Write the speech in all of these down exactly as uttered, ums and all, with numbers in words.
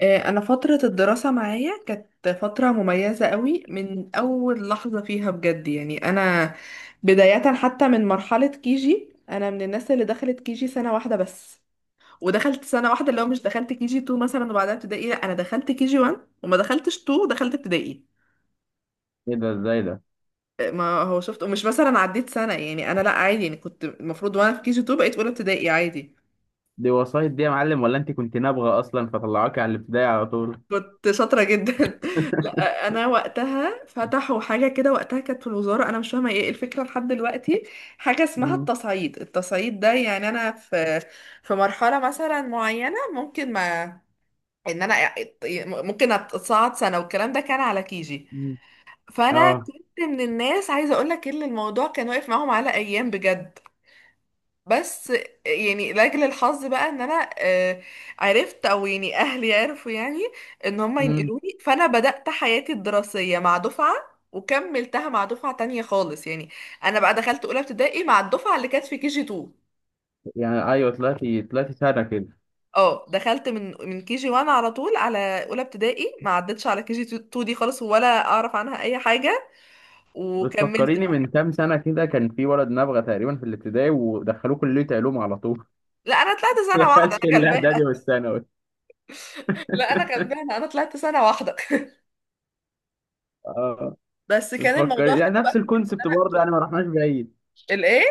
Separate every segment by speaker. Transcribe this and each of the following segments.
Speaker 1: آه، انا فترة الدراسة معايا كانت فترة مميزة قوي من اول لحظة فيها بجد، يعني انا بداية حتى من مرحلة كيجي. انا من الناس اللي دخلت كيجي سنة واحدة بس، ودخلت سنة واحدة اللي هو مش دخلت كيجي اتنين مثلا وبعدها ابتدائي. لا، انا دخلت كيجي واحد وما دخلتش اتنين، دخلت ابتدائي.
Speaker 2: ايه ده؟ ازاي ده؟
Speaker 1: آه، ما هو شفت ومش مثلا عديت سنة، يعني انا لا، عادي، يعني كنت المفروض وانا في كيجي اثنين بقيت اولى ابتدائي عادي.
Speaker 2: دي وسايط دي يا معلم، ولا انت كنت نابغه اصلا فطلعوكي على الابتدائي على طول؟
Speaker 1: كنت شاطرة جدا. لا، أنا وقتها فتحوا حاجة كده وقتها كانت في الوزارة، أنا مش فاهمة إيه الفكرة لحد دلوقتي. حاجة اسمها
Speaker 2: مم.
Speaker 1: التصعيد، التصعيد ده يعني أنا في في مرحلة مثلا معينة ممكن، ما إن أنا ممكن أتصعد سنة والكلام ده كان على كيجي.
Speaker 2: مم.
Speaker 1: فأنا
Speaker 2: اه.
Speaker 1: كنت من الناس عايزة أقول لك إن الموضوع كان واقف معاهم على أيام بجد، بس يعني لاجل الحظ بقى ان انا آه، عرفت، او يعني اهلي عرفوا يعني ان هم
Speaker 2: مم.
Speaker 1: ينقلوني. فانا بدأت حياتي الدراسية مع دفعة، وكملتها مع دفعة تانية خالص يعني، انا بقى دخلت اولى ابتدائي مع الدفعة اللي كانت في كي جي اتنين.
Speaker 2: يعني ايوه، طلعتي طلعتي سنه كده.
Speaker 1: اه دخلت من من كي جي واحد على طول، على اولى ابتدائي، ما عدتش على كي جي اتنين دي خالص ولا اعرف عنها اي حاجة، وكملت
Speaker 2: بتفكريني
Speaker 1: بقى.
Speaker 2: من كام سنه كده، كان في ولد نابغه تقريبا في الابتدائي ودخلوه كليه علوم على طول.
Speaker 1: لا انا طلعت سنة واحدة،
Speaker 2: دخلش
Speaker 1: انا غلبانة.
Speaker 2: الاعدادي والثانوي.
Speaker 1: لا انا غلبانة، انا طلعت سنة واحدة.
Speaker 2: اه.
Speaker 1: بس كان الموضوع
Speaker 2: بتفكري يعني
Speaker 1: حلو بقى
Speaker 2: نفس
Speaker 1: في كده.
Speaker 2: الكونسبت برضه، يعني ما رحناش بعيد.
Speaker 1: الايه؟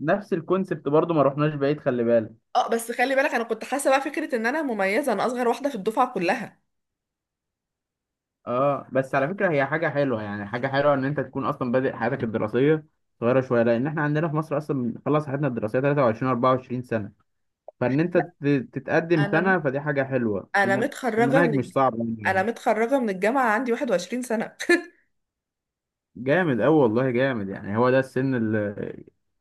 Speaker 2: نفس الكونسبت برضه، ما رحناش بعيد، خلي بالك.
Speaker 1: اه بس خلي بالك انا كنت حاسه بقى فكره ان انا مميزه، انا اصغر واحده في الدفعه كلها.
Speaker 2: اه، بس على فكرة هي حاجة حلوة، يعني حاجة حلوة ان انت تكون اصلا بادئ حياتك الدراسية صغيرة شوية، لان احنا عندنا في مصر اصلا بنخلص حياتنا الدراسية تلاته وعشرين اربعة وعشرين سنة. فان انت
Speaker 1: لا،
Speaker 2: ت- تتقدم
Speaker 1: انا مت...
Speaker 2: سنة فدي حاجة حلوة.
Speaker 1: انا
Speaker 2: المن-
Speaker 1: متخرجه من
Speaker 2: المناهج مش
Speaker 1: الج-
Speaker 2: صعبة
Speaker 1: انا
Speaker 2: يعني.
Speaker 1: متخرجه من الجامعه عندي 21 سنه.
Speaker 2: جامد اوي والله، جامد يعني، هو ده السن ال-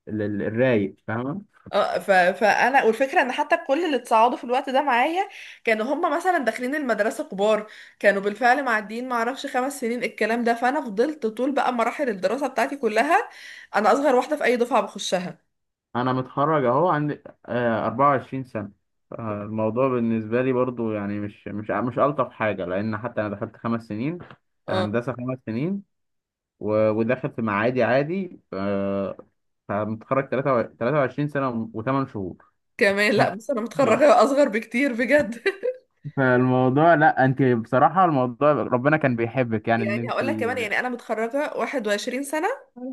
Speaker 2: ال- ال- الرايق، فاهمة؟
Speaker 1: اه ف... فانا، والفكره ان حتى كل اللي اتصعدوا في الوقت ده معايا كانوا هم مثلا داخلين المدرسه كبار، كانوا بالفعل معديين ما اعرفش خمس سنين الكلام ده، فانا فضلت طول بقى مراحل الدراسه بتاعتي كلها، انا اصغر واحده في اي دفعه بخشها.
Speaker 2: انا متخرج اهو عندي آه، اربعة وعشرين سنة. آه، الموضوع بالنسبة لي برضو يعني مش مش مش ألطف حاجة، لأن حتى أنا دخلت خمس سنين
Speaker 1: اه
Speaker 2: هندسة، خمس سنين. و- ودخل في معادي عادي. آه، فمتخرج تلاته وعشرين سنة وتمن شهور.
Speaker 1: كمان، لا
Speaker 2: ها.
Speaker 1: بس انا
Speaker 2: آه.
Speaker 1: متخرجه اصغر بكتير بجد.
Speaker 2: فالموضوع، لا انت بصراحة الموضوع ربنا كان بيحبك يعني ان
Speaker 1: يعني
Speaker 2: انت...
Speaker 1: هقول لك كمان، يعني انا متخرجه 21 سنه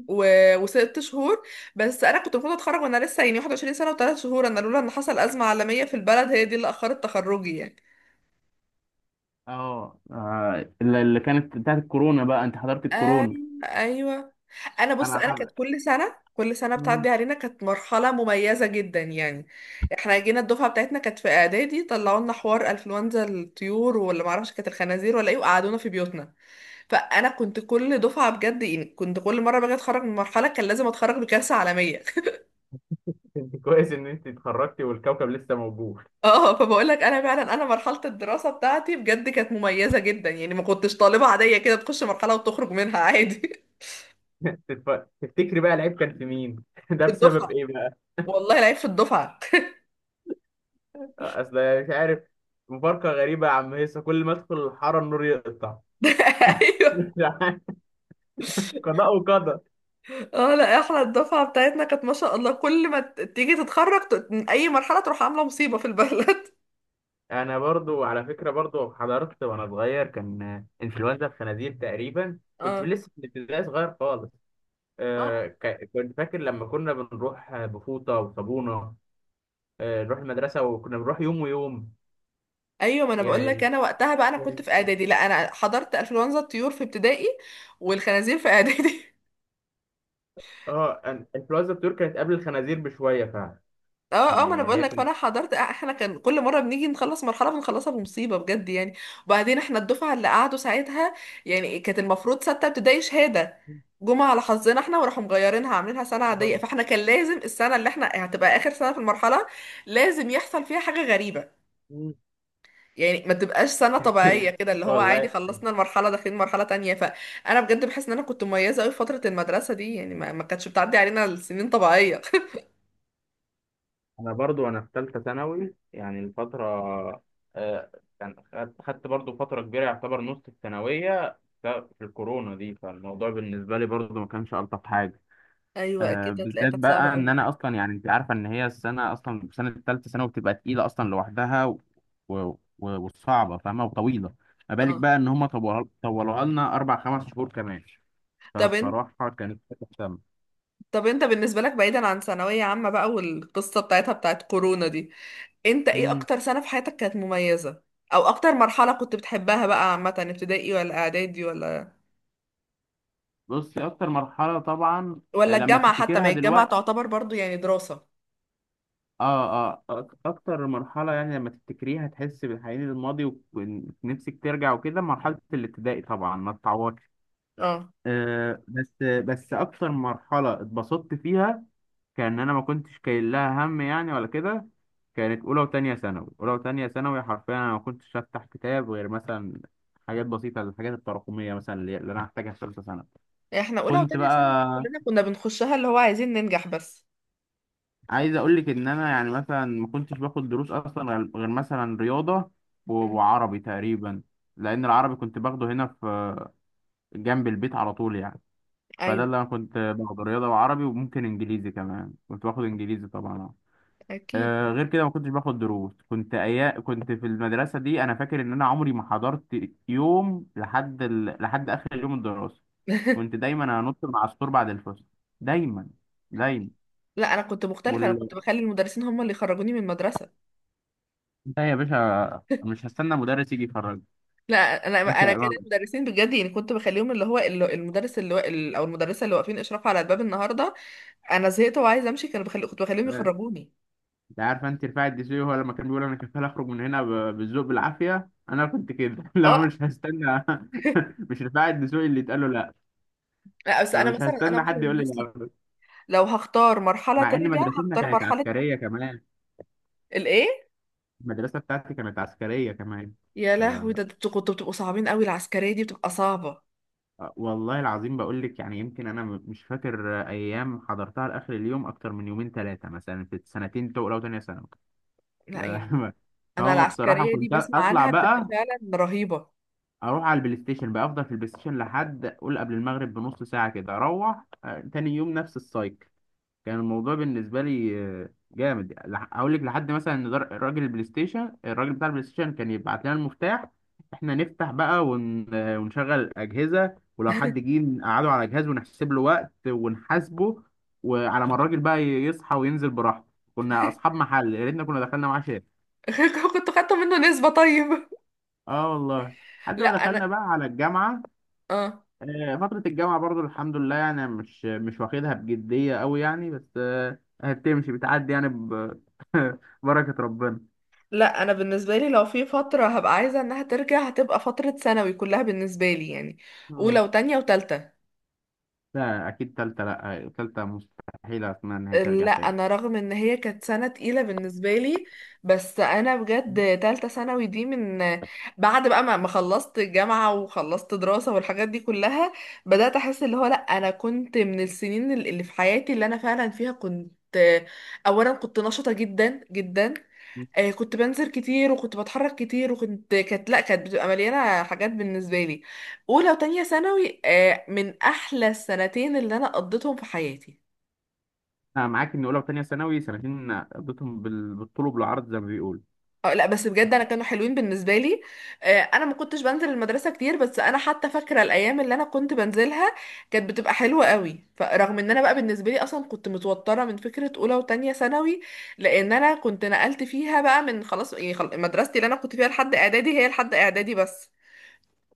Speaker 1: و... وست شهور. بس انا كنت المفروض اتخرج وانا لسه يعني 21 سنه وثلاث شهور، انا لولا ان حصل ازمه عالميه في البلد هي دي اللي اخرت تخرجي يعني.
Speaker 2: اه، آه، اللي اللي كانت بتاعت الكورونا بقى، انت حضرت
Speaker 1: ايوه.
Speaker 2: الكورونا؟
Speaker 1: ايوه. انا بص،
Speaker 2: انا
Speaker 1: انا كانت
Speaker 2: حضرت.
Speaker 1: كل سنه كل سنه
Speaker 2: مم.
Speaker 1: بتعدي علينا كانت مرحله مميزه جدا يعني. احنا جينا الدفعه بتاعتنا كانت في اعدادي طلعوا لنا حوار انفلونزا الطيور، ولا ما اعرفش كانت الخنازير ولا ايه، وقعدونا في بيوتنا. فانا كنت كل دفعه بجد يعني، كنت كل مره باجي اتخرج من مرحله كان لازم اتخرج بكارثه عالميه.
Speaker 2: انت كويس ان انت اتخرجتي والكوكب لسه موجود.
Speaker 1: اه فبقول لك انا فعلا، انا مرحله الدراسه بتاعتي بجد كانت مميزه جدا يعني، ما كنتش طالبه عاديه كده تخش مرحله وتخرج منها عادي.
Speaker 2: تتف- تفتكري بقى العيب كان في مين؟ ده
Speaker 1: في
Speaker 2: بسبب
Speaker 1: الدفعه،
Speaker 2: ايه بقى؟
Speaker 1: والله العيب في الدفعه.
Speaker 2: اصل مش عارف. مفارقة غريبة يا عم هيصة، كل ما ادخل الحارة النور يقطع.
Speaker 1: ايوه.
Speaker 2: قضاء وقدر.
Speaker 1: اه لا، احنا الدفعه بتاعتنا كانت ما شاء الله كل ما ت- تيجي تتخرج ت- من اي مرحله تروح عامله مصيبه في البلد.
Speaker 2: انا برضو على فكره، برضو حضرت وانا صغير، كان انفلونزا الخنازير تقريبا، كنت
Speaker 1: اه.
Speaker 2: لسه في الابتدائي صغير خالص.
Speaker 1: اه.
Speaker 2: آه ك- كنت فاكر لما كنا بنروح بفوطه وصابونه. آه نروح المدرسه وكنا بنروح يوم ويوم
Speaker 1: ايوه، ما انا بقول لك،
Speaker 2: يعني.
Speaker 1: انا وقتها بقى انا كنت في اعدادي. لا، انا حضرت انفلونزا الطيور في ابتدائي، والخنازير في اعدادي.
Speaker 2: اه، أن- انفلونزا الطيور كانت قبل الخنازير بشويه فعلا.
Speaker 1: اه. اه. ما انا
Speaker 2: يعني
Speaker 1: بقول
Speaker 2: هي
Speaker 1: لك،
Speaker 2: كانت...
Speaker 1: فانا حضرت، آه، احنا كان كل مره بنيجي نخلص مرحله بنخلصها بمصيبه بجد يعني. وبعدين احنا الدفعه اللي قعدوا ساعتها، يعني كانت المفروض سته ابتدائي شهاده، جمعه على حظنا احنا وراحوا مغيرينها عاملينها سنه
Speaker 2: آه.
Speaker 1: عاديه. فاحنا كان لازم السنه اللي احنا هتبقى اخر سنه في المرحله لازم يحصل فيها حاجه غريبه، يعني ما تبقاش سنه طبيعيه كده اللي هو
Speaker 2: والله.
Speaker 1: عادي خلصنا المرحله داخلين مرحله تانية. فانا بجد بحس ان انا كنت مميزه قوي في فتره المدرسه دي يعني، ما ما كانتش بتعدي علينا السنين طبيعيه.
Speaker 2: انا برضو انا في ثالثه ثانوي، يعني الفتره... آه، كان خدت خدت برضو فتره كبيره، يعتبر نص الثانويه ف- في الكورونا دي، فالموضوع بالنسبه لي برضو ما كانش الطف حاجه.
Speaker 1: ايوه
Speaker 2: آه،
Speaker 1: اكيد، هتلاقيها
Speaker 2: بالذات
Speaker 1: كانت صعبه
Speaker 2: بقى ان
Speaker 1: قوي.
Speaker 2: انا اصلا يعني، انت عارفه ان هي السنه اصلا، سنه الثالثه ثانوي بتبقى تقيله اصلا لوحدها و... و... وصعبه فاهمه وطويله. ما بالك
Speaker 1: اه
Speaker 2: بقى ان هم طولوها طولوها لنا اربع خمس شهور كمان.
Speaker 1: طب انت
Speaker 2: فبصراحه كانت حاجه سامه.
Speaker 1: طب انت بالنسبة لك، بعيدا عن ثانوية عامة بقى والقصة بتاعتها بتاعت كورونا دي، انت ايه
Speaker 2: امم
Speaker 1: اكتر سنة في حياتك كانت مميزة، او اكتر مرحلة كنت بتحبها بقى عامة؟ ابتدائي ولا اعدادي ولا
Speaker 2: بصي اكتر مرحله طبعا.
Speaker 1: ولا
Speaker 2: آه، لما
Speaker 1: الجامعة حتى، ما
Speaker 2: تفتكرها
Speaker 1: هي الجامعة
Speaker 2: دلوقتي
Speaker 1: تعتبر برضو يعني دراسة.
Speaker 2: اه، اه، أك- اكتر مرحله يعني لما تفتكريها تحس بالحنين للماضي، ونفسك ترجع وكده مرحله الابتدائي طبعا ما تتعوضش.
Speaker 1: اه
Speaker 2: آه بس بس اكتر مرحله اتبسطت فيها، كان انا ما كنتش كاين لها هم يعني، ولا كده. كانت اولى وتانية ثانوي، اولى وتانية ثانوي حرفيا انا ما كنتش افتح كتاب غير مثلا حاجات بسيطه، الحاجات التراكميه مثلا اللي اللي انا هحتاجها في ثالثه ثانوي.
Speaker 1: احنا اولى
Speaker 2: كنت
Speaker 1: وتانية ثانوي دي
Speaker 2: بقى
Speaker 1: كلنا كنا بنخشها، اللي هو عايزين ننجح بس.
Speaker 2: عايز اقول لك ان انا يعني مثلا ما كنتش باخد دروس اصلا غير غير مثلا رياضه و-
Speaker 1: مم.
Speaker 2: وعربي تقريبا، لان العربي كنت باخده هنا في جنب البيت على طول يعني. فده
Speaker 1: ايوه
Speaker 2: اللي انا كنت باخده، رياضه وعربي وممكن انجليزي كمان، كنت باخد انجليزي طبعا. آه
Speaker 1: اكيد.
Speaker 2: آه، غير كده ما كنتش باخد دروس، كنت أيا كنت في المدرسه دي. انا فاكر ان انا عمري ما حضرت يوم لحد ال... لحد اخر يوم الدراسه. كنت دايما انط من على السور بعد الفصل. دايما. دايما.
Speaker 1: لا انا كنت مختلفة، انا كنت بخلي المدرسين هم اللي يخرجوني من المدرسة.
Speaker 2: لا يا باشا، مش هستنى مدرس يجي يخرج.
Speaker 1: لا، انا
Speaker 2: مش
Speaker 1: انا كان
Speaker 2: ما-
Speaker 1: المدرسين بجد يعني كنت بخليهم، اللي هو ال- المدرس اللي وا- ال- او المدرسه اللي واقفين اشراف على الباب النهارده، انا زهقت وعايزه امشي، كانوا بخلي كنت بخليهم يخرجوني.
Speaker 2: انت عارف انت رفاعي الدسوقي هو لما كان بيقول انا كفاله اخرج من هنا ب- بالذوق بالعافيه، انا كنت كده. لو
Speaker 1: اه
Speaker 2: مش هستنى. مش رفاعي الدسوقي اللي اتقال له لا.
Speaker 1: لا، بس انا
Speaker 2: فمش
Speaker 1: مثلا انا
Speaker 2: هستنى
Speaker 1: واحده من
Speaker 2: حد يقول لي
Speaker 1: الناس، ل-
Speaker 2: لا.
Speaker 1: لو هختار مرحله
Speaker 2: مع ان
Speaker 1: ترجع
Speaker 2: مدرستنا
Speaker 1: هختار
Speaker 2: كانت
Speaker 1: مرحله.
Speaker 2: عسكريه كمان.
Speaker 1: الايه؟
Speaker 2: المدرسه بتاعتي كانت عسكريه كمان.
Speaker 1: يا
Speaker 2: ف...
Speaker 1: لهوي، ده انتوا كنتوا بتبقوا صعبين قوي، العسكريه دي بتبقى صعبه.
Speaker 2: والله العظيم بقول لك يعني، يمكن انا م- مش فاكر ايام حضرتها لاخر اليوم اكتر من يومين ثلاثه مثلا في السنتين الاولى وثانيه ثانوي.
Speaker 1: لا يعني
Speaker 2: لا.
Speaker 1: انا
Speaker 2: هو بصراحه
Speaker 1: العسكريه دي
Speaker 2: كنت
Speaker 1: بسمع
Speaker 2: اطلع
Speaker 1: عنها بتبقى
Speaker 2: بقى،
Speaker 1: فعلا رهيبه.
Speaker 2: اروح على البلاي ستيشن، بقى افضل في البلاي ستيشن لحد قول قبل المغرب بنص ساعه كده، اروح. آه، تاني يوم نفس السايكل. كان الموضوع بالنسبه لي آه، جامد. لح- هقول لك لحد مثلا ان در- راجل البلاي ستيشن، الراجل بتاع البلاي ستيشن كان يبعت لنا المفتاح، احنا نفتح بقى ون... آه، ونشغل الاجهزه، ولو حد جه نقعده على جهاز ونحسب له وقت ونحاسبه، وعلى ما الراجل بقى يصحى وينزل براحته. كنا اصحاب محل، يا ريتنا كنا دخلنا معاه شارع.
Speaker 1: كنت خدت منه نسبه طيب.
Speaker 2: اه والله. لحد
Speaker 1: لا
Speaker 2: ما دخلنا
Speaker 1: انا.
Speaker 2: بقى على الجامعه.
Speaker 1: اه.
Speaker 2: آه، فترة الجامعة برضو الحمد لله يعني مش مش واخدها بجدية أوي يعني، بس آه، هتمشي بتعدي يعني ب- ببركة ربنا.
Speaker 1: لا انا بالنسبه لي لو في فتره هبقى عايزه انها ترجع هتبقى فتره ثانوي كلها بالنسبه لي يعني، اولى
Speaker 2: آه.
Speaker 1: وتانية وتالتة.
Speaker 2: لا أكيد تالتة لأ، تالتة مستحيل، أتمنى إن هي ترجع
Speaker 1: لا
Speaker 2: تاني.
Speaker 1: انا رغم ان هي كانت سنه تقيله بالنسبه لي، بس انا بجد تالتة ثانوي دي من بعد بقى ما ما خلصت الجامعه وخلصت دراسه والحاجات دي كلها، بدات احس اللي هو لا، انا كنت من السنين اللي اللي في حياتي اللي انا فعلا فيها كنت، اولا كنت نشطه جدا جدا. آه، كنت بنزل كتير وكنت بتحرك كتير، وكنت كانت لا كانت بتبقى مليانه حاجات بالنسبه لي. اولى وتانية ثانوي، آه، من احلى السنتين اللي انا قضيتهم في حياتي.
Speaker 2: أنا معاك إن أولى وتانية ثانوي سنتين قضيتهم بال- بالطول وبالعرض زي ما بيقولوا.
Speaker 1: آه، لا بس بجد انا كانوا حلوين بالنسبه لي. آه، انا ما كنتش بنزل المدرسه كتير، بس انا حتى فاكره الايام اللي انا كنت بنزلها كانت بتبقى حلوه قوي. فرغم ان انا بقى بالنسبه لي اصلا كنت متوتره من فكره اولى وتانية ثانوي، لان انا كنت نقلت فيها بقى من خلاص يعني، خل- مدرستي اللي انا كنت فيها لحد اعدادي هي لحد اعدادي بس.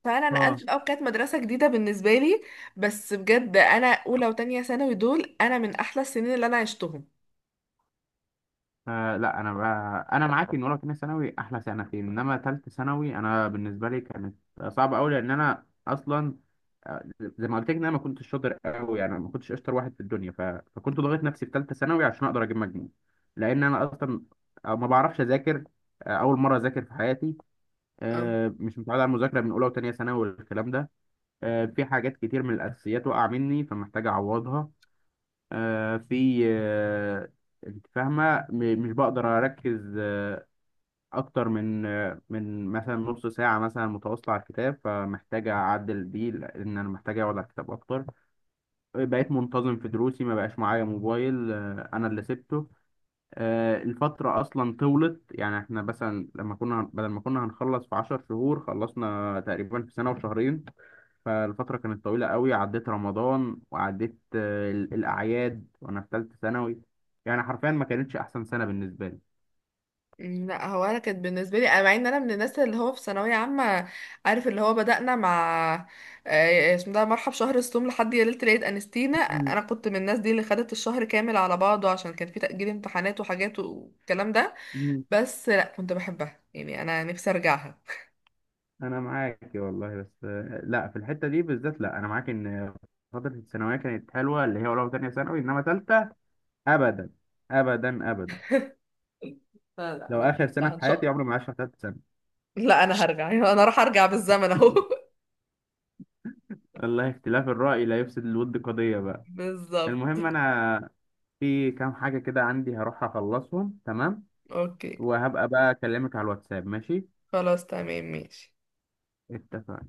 Speaker 1: فانا نقلت في
Speaker 2: اه.
Speaker 1: الاول كانت مدرسه جديده بالنسبه لي، بس بجد انا اولى وتانية ثانوي دول انا من احلى السنين اللي انا عشتهم.
Speaker 2: آه لا انا بقى انا معاك ان اولى وتانية ثانوي احلى سنتين، انما تالتة ثانوي انا بالنسبه لي كانت صعبه قوي، لان انا اصلا، آه، زي ما قلت لك ان انا ما كنتش شاطر قوي يعني، ما كنتش اشطر واحد في الدنيا. ف... فكنت ضاغط نفسي في ثالثه ثانوي عشان اقدر اجيب مجموع، لان انا اصلا آه، ما بعرفش اذاكر. آه، اول مره اذاكر في حياتي،
Speaker 1: اه.
Speaker 2: آه، مش متعود على المذاكره من اولى وتانية ثانوي والكلام ده. آه، في حاجات كتير من الاساسيات وقع مني فمحتاج اعوضها. آه، في، آه، انت فاهمه، م- مش بقدر اركز آه، اكتر من آه، من مثلا نص ساعه مثلا متواصله على الكتاب، فمحتاج اعدل دي لان انا محتاج اقعد على الكتاب اكتر. بقيت منتظم في دروسي، ما بقاش معايا موبايل، آه، انا اللي سبته. آه، الفتره اصلا طولت يعني، احنا مثلا لما كنا بدل ما كنا هنخلص في 10 شهور خلصنا تقريبا في سنه وشهرين. فالفترة كانت طويلة قوي، عديت رمضان وعديت آه، ال- الأعياد وأنا في تالتة ثانوي. يعني حرفيا ما كانتش أحسن سنة بالنسبة لي.
Speaker 1: مم، لا هو انا كانت بالنسبه لي أنا- مع ان انا من الناس اللي هو في ثانويه عامه. عارف اللي هو بدانا مع آه، اسمه ده مرحب شهر الصوم لحد يا ليله العيد انستينا،
Speaker 2: مم.
Speaker 1: انا كنت من الناس دي اللي خدت الشهر كامل على بعضه عشان كان في تاجيل امتحانات وحاجات والكلام ده،
Speaker 2: مم.
Speaker 1: بس لا كنت بحبها يعني انا نفسي ارجعها.
Speaker 2: أنا معاك والله، بس آه، لا في الحتة دي بالذات، لا أنا معاك إن فترة الثانوية كانت حلوة اللي هي أولى وتانية ثانوي، إنما تالتة أبدا، أبدا، أبدا.
Speaker 1: لا لا،
Speaker 2: لو
Speaker 1: انا
Speaker 2: آخر سنة
Speaker 1: بحبها
Speaker 2: في
Speaker 1: ان
Speaker 2: حياتي
Speaker 1: شاء.
Speaker 2: عمري ما عشت تالتة سنة.
Speaker 1: لا، انا هرجع انا راح ارجع بالزمن اهو.
Speaker 2: الله، اختلاف الرأي لا يفسد الود قضية بقى.
Speaker 1: بالظبط.
Speaker 2: المهم أنا في كام حاجة كده عندي هروح أخلصهم، تمام؟
Speaker 1: اوكي.
Speaker 2: وهبقى بقى أكلمك على الواتساب، ماشي؟
Speaker 1: خلاص تمام ماشي.
Speaker 2: اتفقنا.